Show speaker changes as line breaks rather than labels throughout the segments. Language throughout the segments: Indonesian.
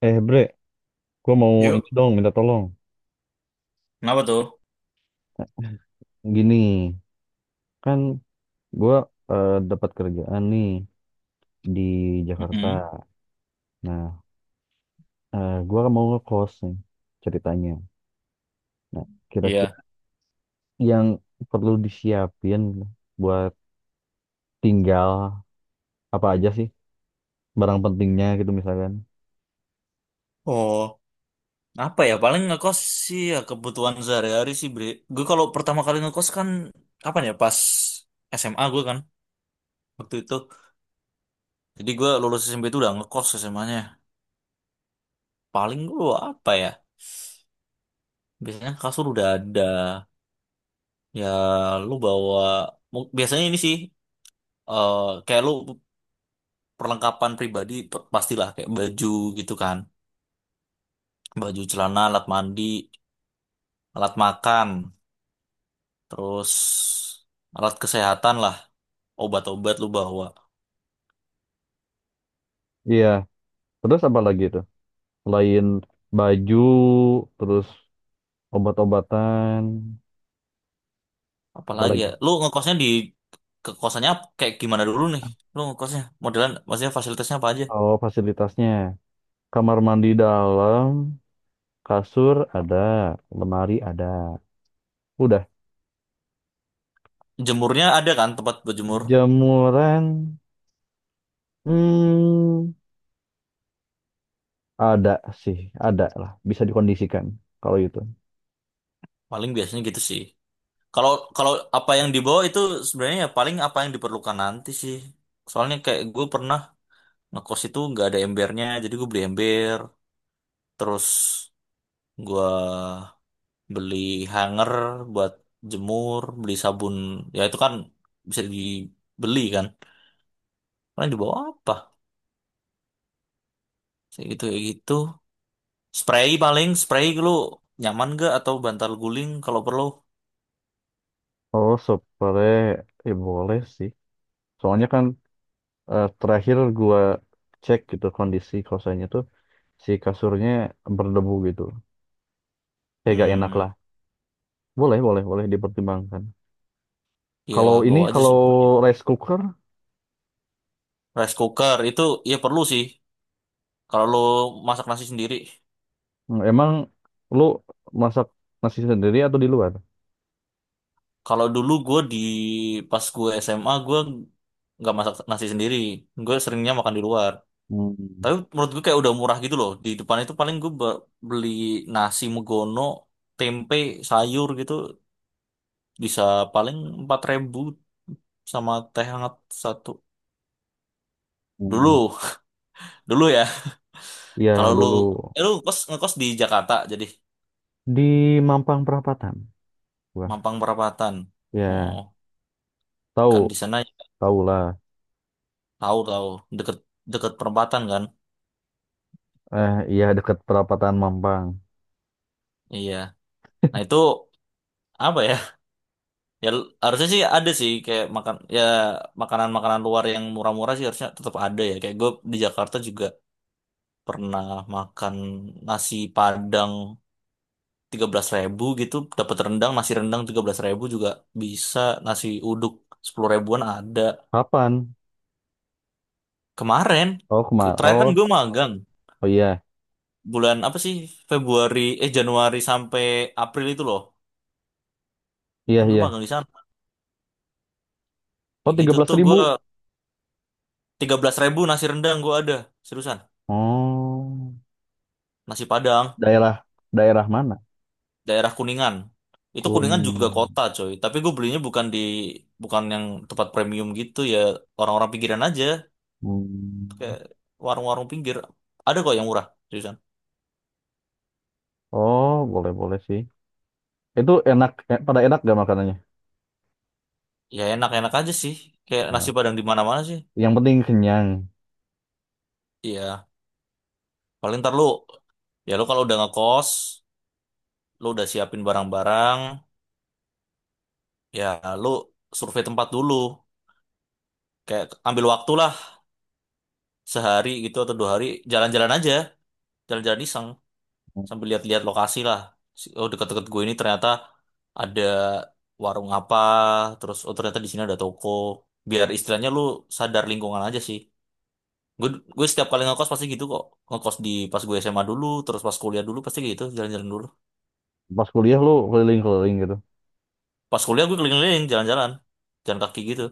Eh bre, gue mau
Yuk.
ini dong minta tolong.
Kenapa tuh?
Gini, kan gue dapat kerjaan nih di
Mm-mm.
Jakarta. Nah, gua kan mau ngekos nih ceritanya. Nah, kira-kira
Iya.
yang perlu disiapin buat tinggal apa aja sih barang pentingnya gitu misalkan.
Oh, apa ya? Paling ngekos sih ya kebutuhan sehari-hari sih, Bre. Gue kalau pertama kali ngekos kan kapan ya? Pas SMA gue kan waktu itu. Jadi gue lulus SMP itu udah ngekos SMA-nya. Paling gue apa ya? Biasanya kasur udah ada. Ya lu bawa biasanya ini sih, kayak lu perlengkapan pribadi pastilah kayak baju gitu kan. Baju celana, alat mandi, alat makan. Terus alat kesehatan lah, obat-obat lu bawa.
Iya, terus apa lagi tuh? Selain baju, terus obat-obatan, apa
Apalagi
lagi?
ya, lu ngekosnya ke kosannya kayak gimana dulu nih? Lu ngekosnya modelan, maksudnya fasilitasnya apa aja?
Oh, fasilitasnya. Kamar mandi dalam, kasur ada, lemari ada. Udah.
Jemurnya ada kan tempat berjemur?
Jemuran, hmm, ada sih, ada lah. Bisa dikondisikan kalau itu.
Paling biasanya gitu sih. Kalau kalau apa yang dibawa itu sebenarnya ya paling apa yang diperlukan nanti sih. Soalnya kayak gue pernah ngekos itu nggak ada embernya, jadi gue beli ember. Terus gue beli hanger buat jemur, beli sabun, ya itu kan bisa dibeli kan. Paling dibawa apa? Kayak gitu kayak gitu. Spray paling, spray lu nyaman gak atau bantal guling kalau perlu?
Oh, spray, ya boleh sih. Soalnya kan terakhir gua cek gitu kondisi kosannya tuh si kasurnya berdebu gitu. Kayak gak enak
Hmm,
lah. Boleh, boleh, boleh dipertimbangkan.
ya
Kalau ini,
bawa aja
kalau
spray.
rice cooker,
Rice cooker itu ya perlu sih kalau lu masak nasi sendiri.
emang lu masak nasi sendiri atau di luar?
Kalau dulu gue pas gue SMA gue nggak masak nasi sendiri, gue seringnya makan di luar.
Hmm.
Tapi menurut gue kayak udah murah gitu loh. Di depan itu paling gue beli nasi megono, tempe, sayur gitu. Bisa paling 4.000 sama teh hangat satu.
Hmm.
Dulu, dulu ya. Kalau
Ya
lu,
dulu
eh, lu ngekos di Jakarta, jadi
di Mampang Perapatan. Wah,
Mampang Perapatan. Oh,
ya
kan
tahu,
di sana
tahu lah.
tahu tahu deket deket perempatan kan.
Eh, iya dekat perapatan Mampang.
Iya. Nah itu apa ya? Ya harusnya sih ada sih kayak makan ya, makanan-makanan luar yang murah-murah sih harusnya tetap ada ya. Kayak gue di Jakarta juga pernah makan nasi Padang 13.000 gitu, dapat rendang, nasi rendang 13.000 juga bisa, nasi uduk 10 ribuan ada.
Kapan?
Kemarin,
Oh, kemar.
terakhir kan
Oh,
gue magang
oh iya,
bulan apa sih, Februari, eh, Januari sampai April itu loh.
iya
Kan gue
iya.
magang di sana.
Oh,
Kayak
tiga
gitu
belas
tuh
ribu.
gue 13.000 nasi rendang gue ada, seriusan.
Oh,
Nasi Padang
daerah daerah mana?
daerah Kuningan. Itu
Kun.
Kuningan juga kota, coy. Tapi gue belinya bukan di, bukan yang tempat premium gitu ya, orang-orang pinggiran aja.
Hmm.
Kayak warung-warung pinggir ada kok yang murah, seriusan.
Oh, boleh boleh sih. Itu enak, pada enak gak makanannya?
Ya enak-enak aja sih kayak nasi
Nah,
padang di mana-mana sih.
yang penting kenyang.
Iya paling ntar lu, ya lu kalau udah ngekos, lu udah siapin barang-barang, ya lu survei tempat dulu, kayak ambil waktu lah sehari gitu atau 2 hari, jalan-jalan aja, jalan-jalan iseng sambil lihat-lihat lokasi lah. Oh, deket-deket gue ini ternyata ada warung apa, terus, oh, ternyata di sini ada toko, biar istilahnya lu sadar lingkungan aja sih. Gue gue setiap kali ngekos pasti gitu kok. Ngekos pas gue SMA dulu, terus pas kuliah dulu pasti gitu, jalan-jalan dulu.
Pas kuliah lu keliling-keliling gitu,
Pas kuliah gue keliling-keliling, jalan-jalan. Jalan kaki gitu,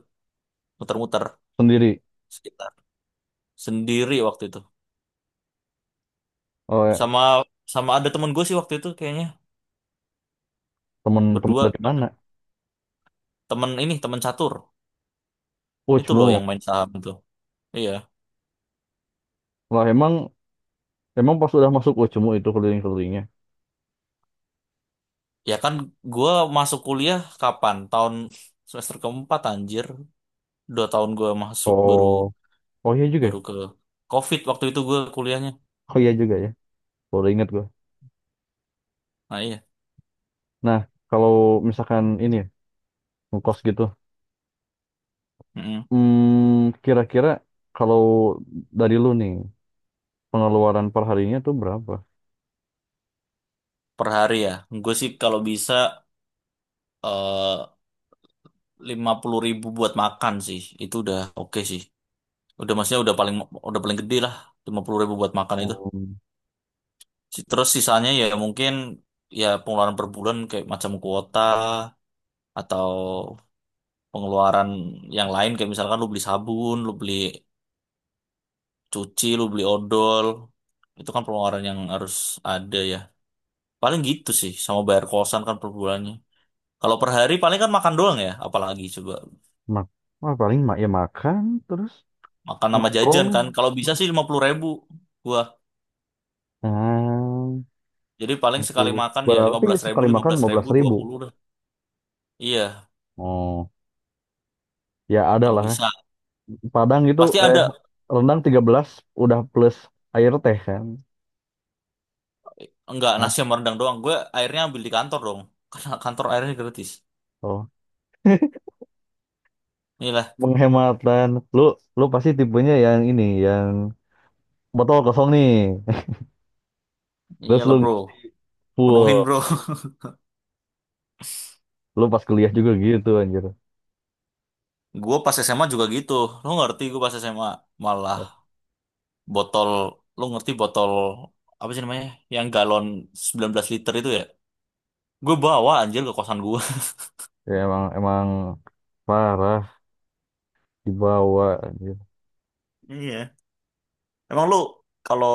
muter-muter
sendiri.
sekitar sendiri waktu itu.
Oh, ya.
Sama sama ada temen gue sih waktu itu kayaknya,
Temen-temen
berdua,
dari
ada
mana?
temen, ini temen catur
Oh,
itu loh,
cemu.
yang main saham itu. Iya.
Lah emang Emang pas udah masuk Ucemu itu keliling-kelilingnya.
Ya kan gue masuk kuliah kapan, tahun semester keempat anjir, 2 tahun gue masuk baru
Oh, oh iya juga,
baru
ya.
ke COVID waktu itu gue kuliahnya.
Oh iya juga ya. Baru ingat gua.
Nah,
Nah, kalau misalkan ini ya, ngekos gitu.
iya.
Kira-kira kalau dari lu nih, pengeluaran per harinya tuh berapa?
Per hari ya. Gue sih kalau bisa, eh, 50.000 buat makan sih. Itu udah oke sih. Udah, maksudnya udah paling gede lah. 50.000 buat makan itu.
Hmm,
Terus sisanya ya mungkin, ya pengeluaran per bulan kayak macam kuota atau pengeluaran yang lain, kayak misalkan lu beli sabun, lu beli cuci, lu beli odol. Itu kan pengeluaran yang harus ada ya. Paling gitu sih, sama bayar kosan kan per bulannya. Kalau per hari paling kan makan doang ya, apalagi coba.
mak wah, paling ya makan terus
Makan sama jajan
nongkrong.
kan. Kalau bisa sih 50.000 gua.
Ah,
Jadi paling
Nah,
sekali makan ya lima
Berarti
belas ribu,
sekali
lima
makan
belas
lima belas
ribu, dua
ribu.
puluh dah. Iya,
Oh, ya ada
kalau
lah.
bisa.
Padang itu
Pasti ada.
rendang 13 udah plus air teh kan.
Enggak,
Ah.
nasi sama rendang doang. Gue airnya ambil di kantor dong. Karena kantor airnya gratis.
Oh,
Iyalah,
menghemat dan lu lu pasti tipenya yang ini yang botol kosong nih. Terus
iyalah
lu
bro. Penuhin
full.
bro.
Lu pas kuliah juga gitu anjir.
Gue pas SMA juga gitu. Lo ngerti gue pas SMA. Malah botol, lo ngerti botol, apa sih namanya? Yang galon 19 liter itu ya. Gue bawa anjir ke kosan gue.
Ya emang emang parah dibawa anjir.
Iya. Emang lu kalau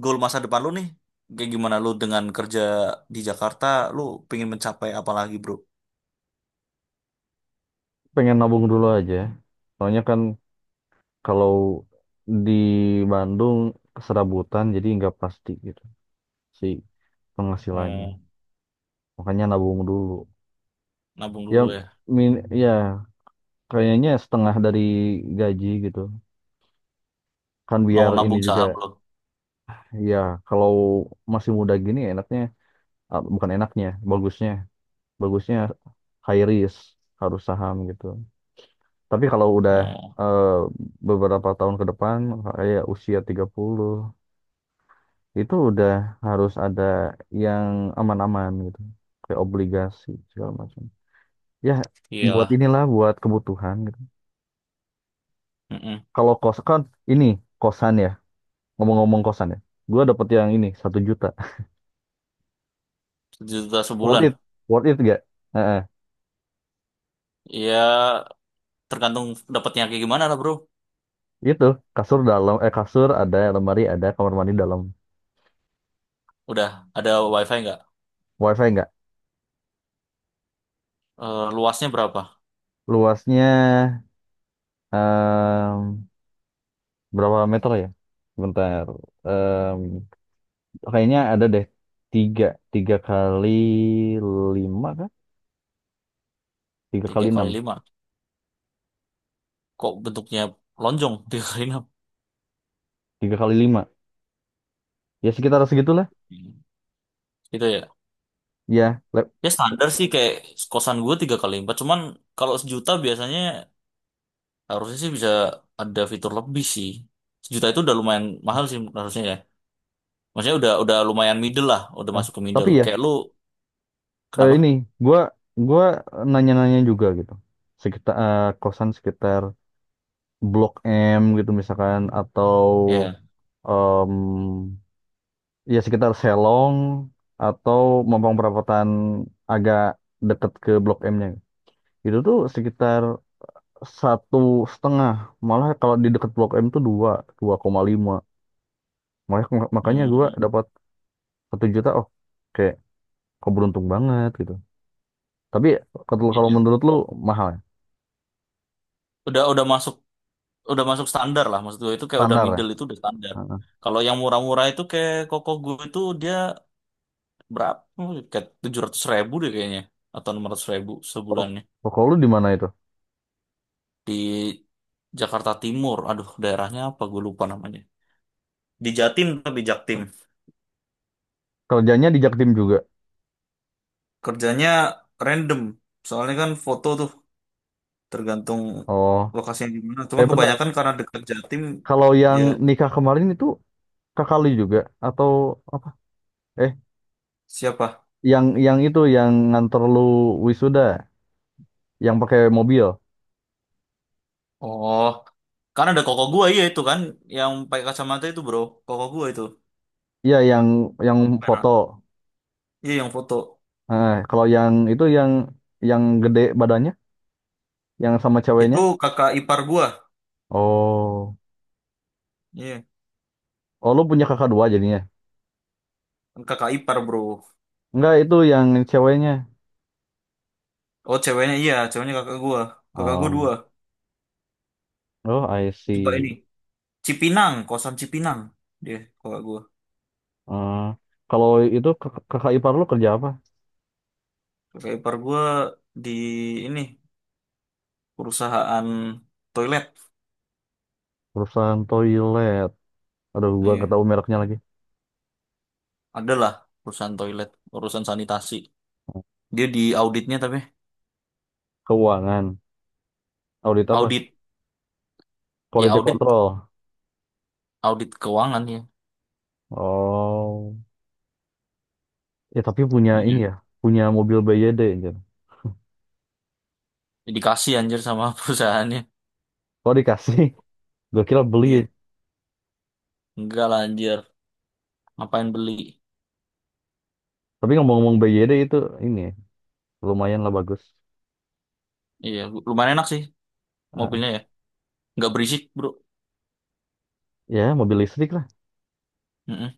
goal masa depan lu nih kayak gimana, lu dengan kerja di Jakarta, lu pengen mencapai apa lagi, Bro?
Pengen nabung dulu aja. Soalnya kan kalau di Bandung keserabutan jadi nggak pasti gitu si penghasilannya.
Oh,
Makanya nabung dulu.
nabung
Ya
dulu ya.
min ya kayaknya setengah dari gaji gitu. Kan
Mau
biar ini
nabung
juga.
saham lo.
Iya, kalau masih muda gini enaknya, ah, bukan enaknya, bagusnya high risk harus saham gitu. Tapi kalau udah
Oh,
eh, beberapa tahun ke depan kayak usia 30 itu udah harus ada yang aman-aman gitu. Kayak obligasi segala macam. Ya, buat
iyalah.
inilah buat kebutuhan gitu.
Mm-mm.
Kalau kos kan ini kosan ya. Ngomong-ngomong kosan ya. Gue dapet yang ini 1 juta.
Sejuta
Worth it.
sebulan.
Worth it gak?
Ya, tergantung dapatnya kayak gimana lah, Bro.
Itu kasur dalam, eh kasur ada, lemari ada, kamar mandi dalam.
Udah ada wifi nggak?
WiFi nggak.
Eh, luasnya berapa?
Luasnya em, berapa meter ya? Bentar. Em, kayaknya ada deh tiga, tiga kali lima kah? Tiga
Tiga
kali
kali
enam,
lima. Kok bentuknya lonjong tiga kali enam?
tiga kali lima. Ya sekitar segitulah.
Hmm. Gitu ya.
Ya, lab.
Ya standar sih kayak kosan gue tiga kali empat. Cuman kalau sejuta biasanya, harusnya sih bisa ada fitur lebih sih. Sejuta itu udah lumayan mahal sih harusnya ya. Maksudnya udah lumayan middle lah, udah
eh,
masuk ke
tapi
middle.
ya
Kayak lu
ini
kenapa?
gua gua nanya-nanya juga gitu. Sekitar kosan sekitar Blok M gitu misalkan atau
Ya.
em, ya sekitar Selong atau Mampang Perapatan agak deket ke Blok M-nya. Itu tuh sekitar 1,5. Malah kalau di deket Blok M tuh 2, 2,5. Makanya makanya gue
Hmm,
dapat 1 juta. Oh, kayak kok beruntung banget gitu. Tapi kalau kalau
iya.
menurut lu mahal ya?
Udah udah masuk udah masuk standar lah, maksud gue itu kayak udah
Standar ya?
middle itu udah standar.
Heeh.
Kalau yang murah-murah itu kayak koko gue, itu dia berapa? Oh, kayak 700.000 deh kayaknya atau 600.000
Oh,
sebulannya,
oh, kalau lu di mana itu?
di Jakarta Timur. Aduh, daerahnya apa? Gue lupa namanya. Di Jatim tapi Jaktim.
Kerjanya di Jaktim juga.
Kerjanya random, soalnya kan foto tuh tergantung
Oh,
lokasinya di mana,
eh
cuman
bentar.
kebanyakan karena dekat Jatim.
Kalau yang
Ya,
nikah kemarin itu kakak lu juga atau apa? Eh,
siapa?
yang itu yang nganter lu wisuda yang pakai mobil,
Oh, karena ada koko gua. Iya itu kan yang pakai kacamata itu bro, koko gua itu
iya yang foto.
merah. Iya yang foto.
Nah, kalau yang itu yang gede badannya yang sama ceweknya.
Itu kakak ipar gua.
Oh,
Iya
oh, lu punya kakak dua jadinya.
kan kakak ipar bro.
Enggak, itu yang ceweknya.
Oh, ceweknya. Iya, ceweknya kakak gua. Kakak gua dua.
Oh, oh, I
Coba ini,
see.
Cipinang, kosan Cipinang, dia kakak gua.
Eh, kalau itu kakak ipar lu kerja apa?
Kakak ipar gua di ini perusahaan toilet.
Perusahaan toilet, aduh gua nggak
Iya.
tahu mereknya lagi.
Ada lah urusan toilet, urusan sanitasi. Dia di auditnya tapi
Keuangan, audit apa,
audit, ya
quality
audit,
control?
audit keuangan ya.
Oh. Ya tapi punya
Iya.
ini ya, punya mobil BYD anjir.
Ya, dikasih anjir sama perusahaannya.
Kalau dikasih, gue kira beli.
Iya. Enggak lah anjir, ngapain beli?
Tapi ngomong-ngomong BYD itu ini lumayan lah bagus.
Iya, lumayan enak sih
Ah,
mobilnya ya. Enggak berisik, Bro.
ya mobil listrik lah.
Mm-mm.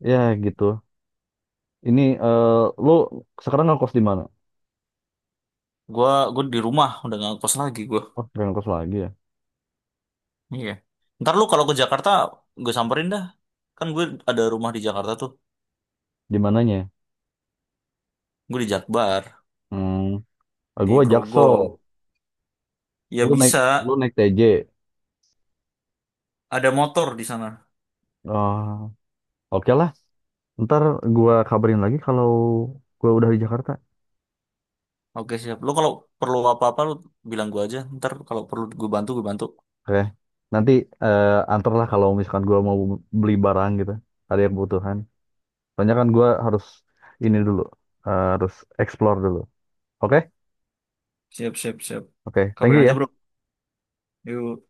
Ya gitu. Ini eh lu sekarang ngekos di mana?
Gua di rumah udah nggak kos lagi gua.
Oh, gak ngekos lagi ya.
Iya. Ntar lu kalau ke Jakarta gue samperin dah. Kan gue ada rumah di Jakarta tuh.
Di mananya?
Gue di Jakbar,
Hmm,
di
gue
Grogol.
Jaksel.
Ya
Lu naik
bisa,
lu naik TJ.
ada motor di sana.
Ah, oke lah. Ntar gua kabarin lagi kalau gua udah di Jakarta.
Oke siap. Lo kalau perlu apa-apa lo bilang gue aja. Ntar kalau perlu gue bantu, gue bantu.
Oke. Nanti antar lah kalau misalkan gua mau beli barang gitu. Ada yang kebutuhan. Soalnya kan gue harus ini dulu, harus explore dulu. Oke,
Siap, siap, siap.
Oke, Thank you
Kabarin aja bro.
ya.
Yuk.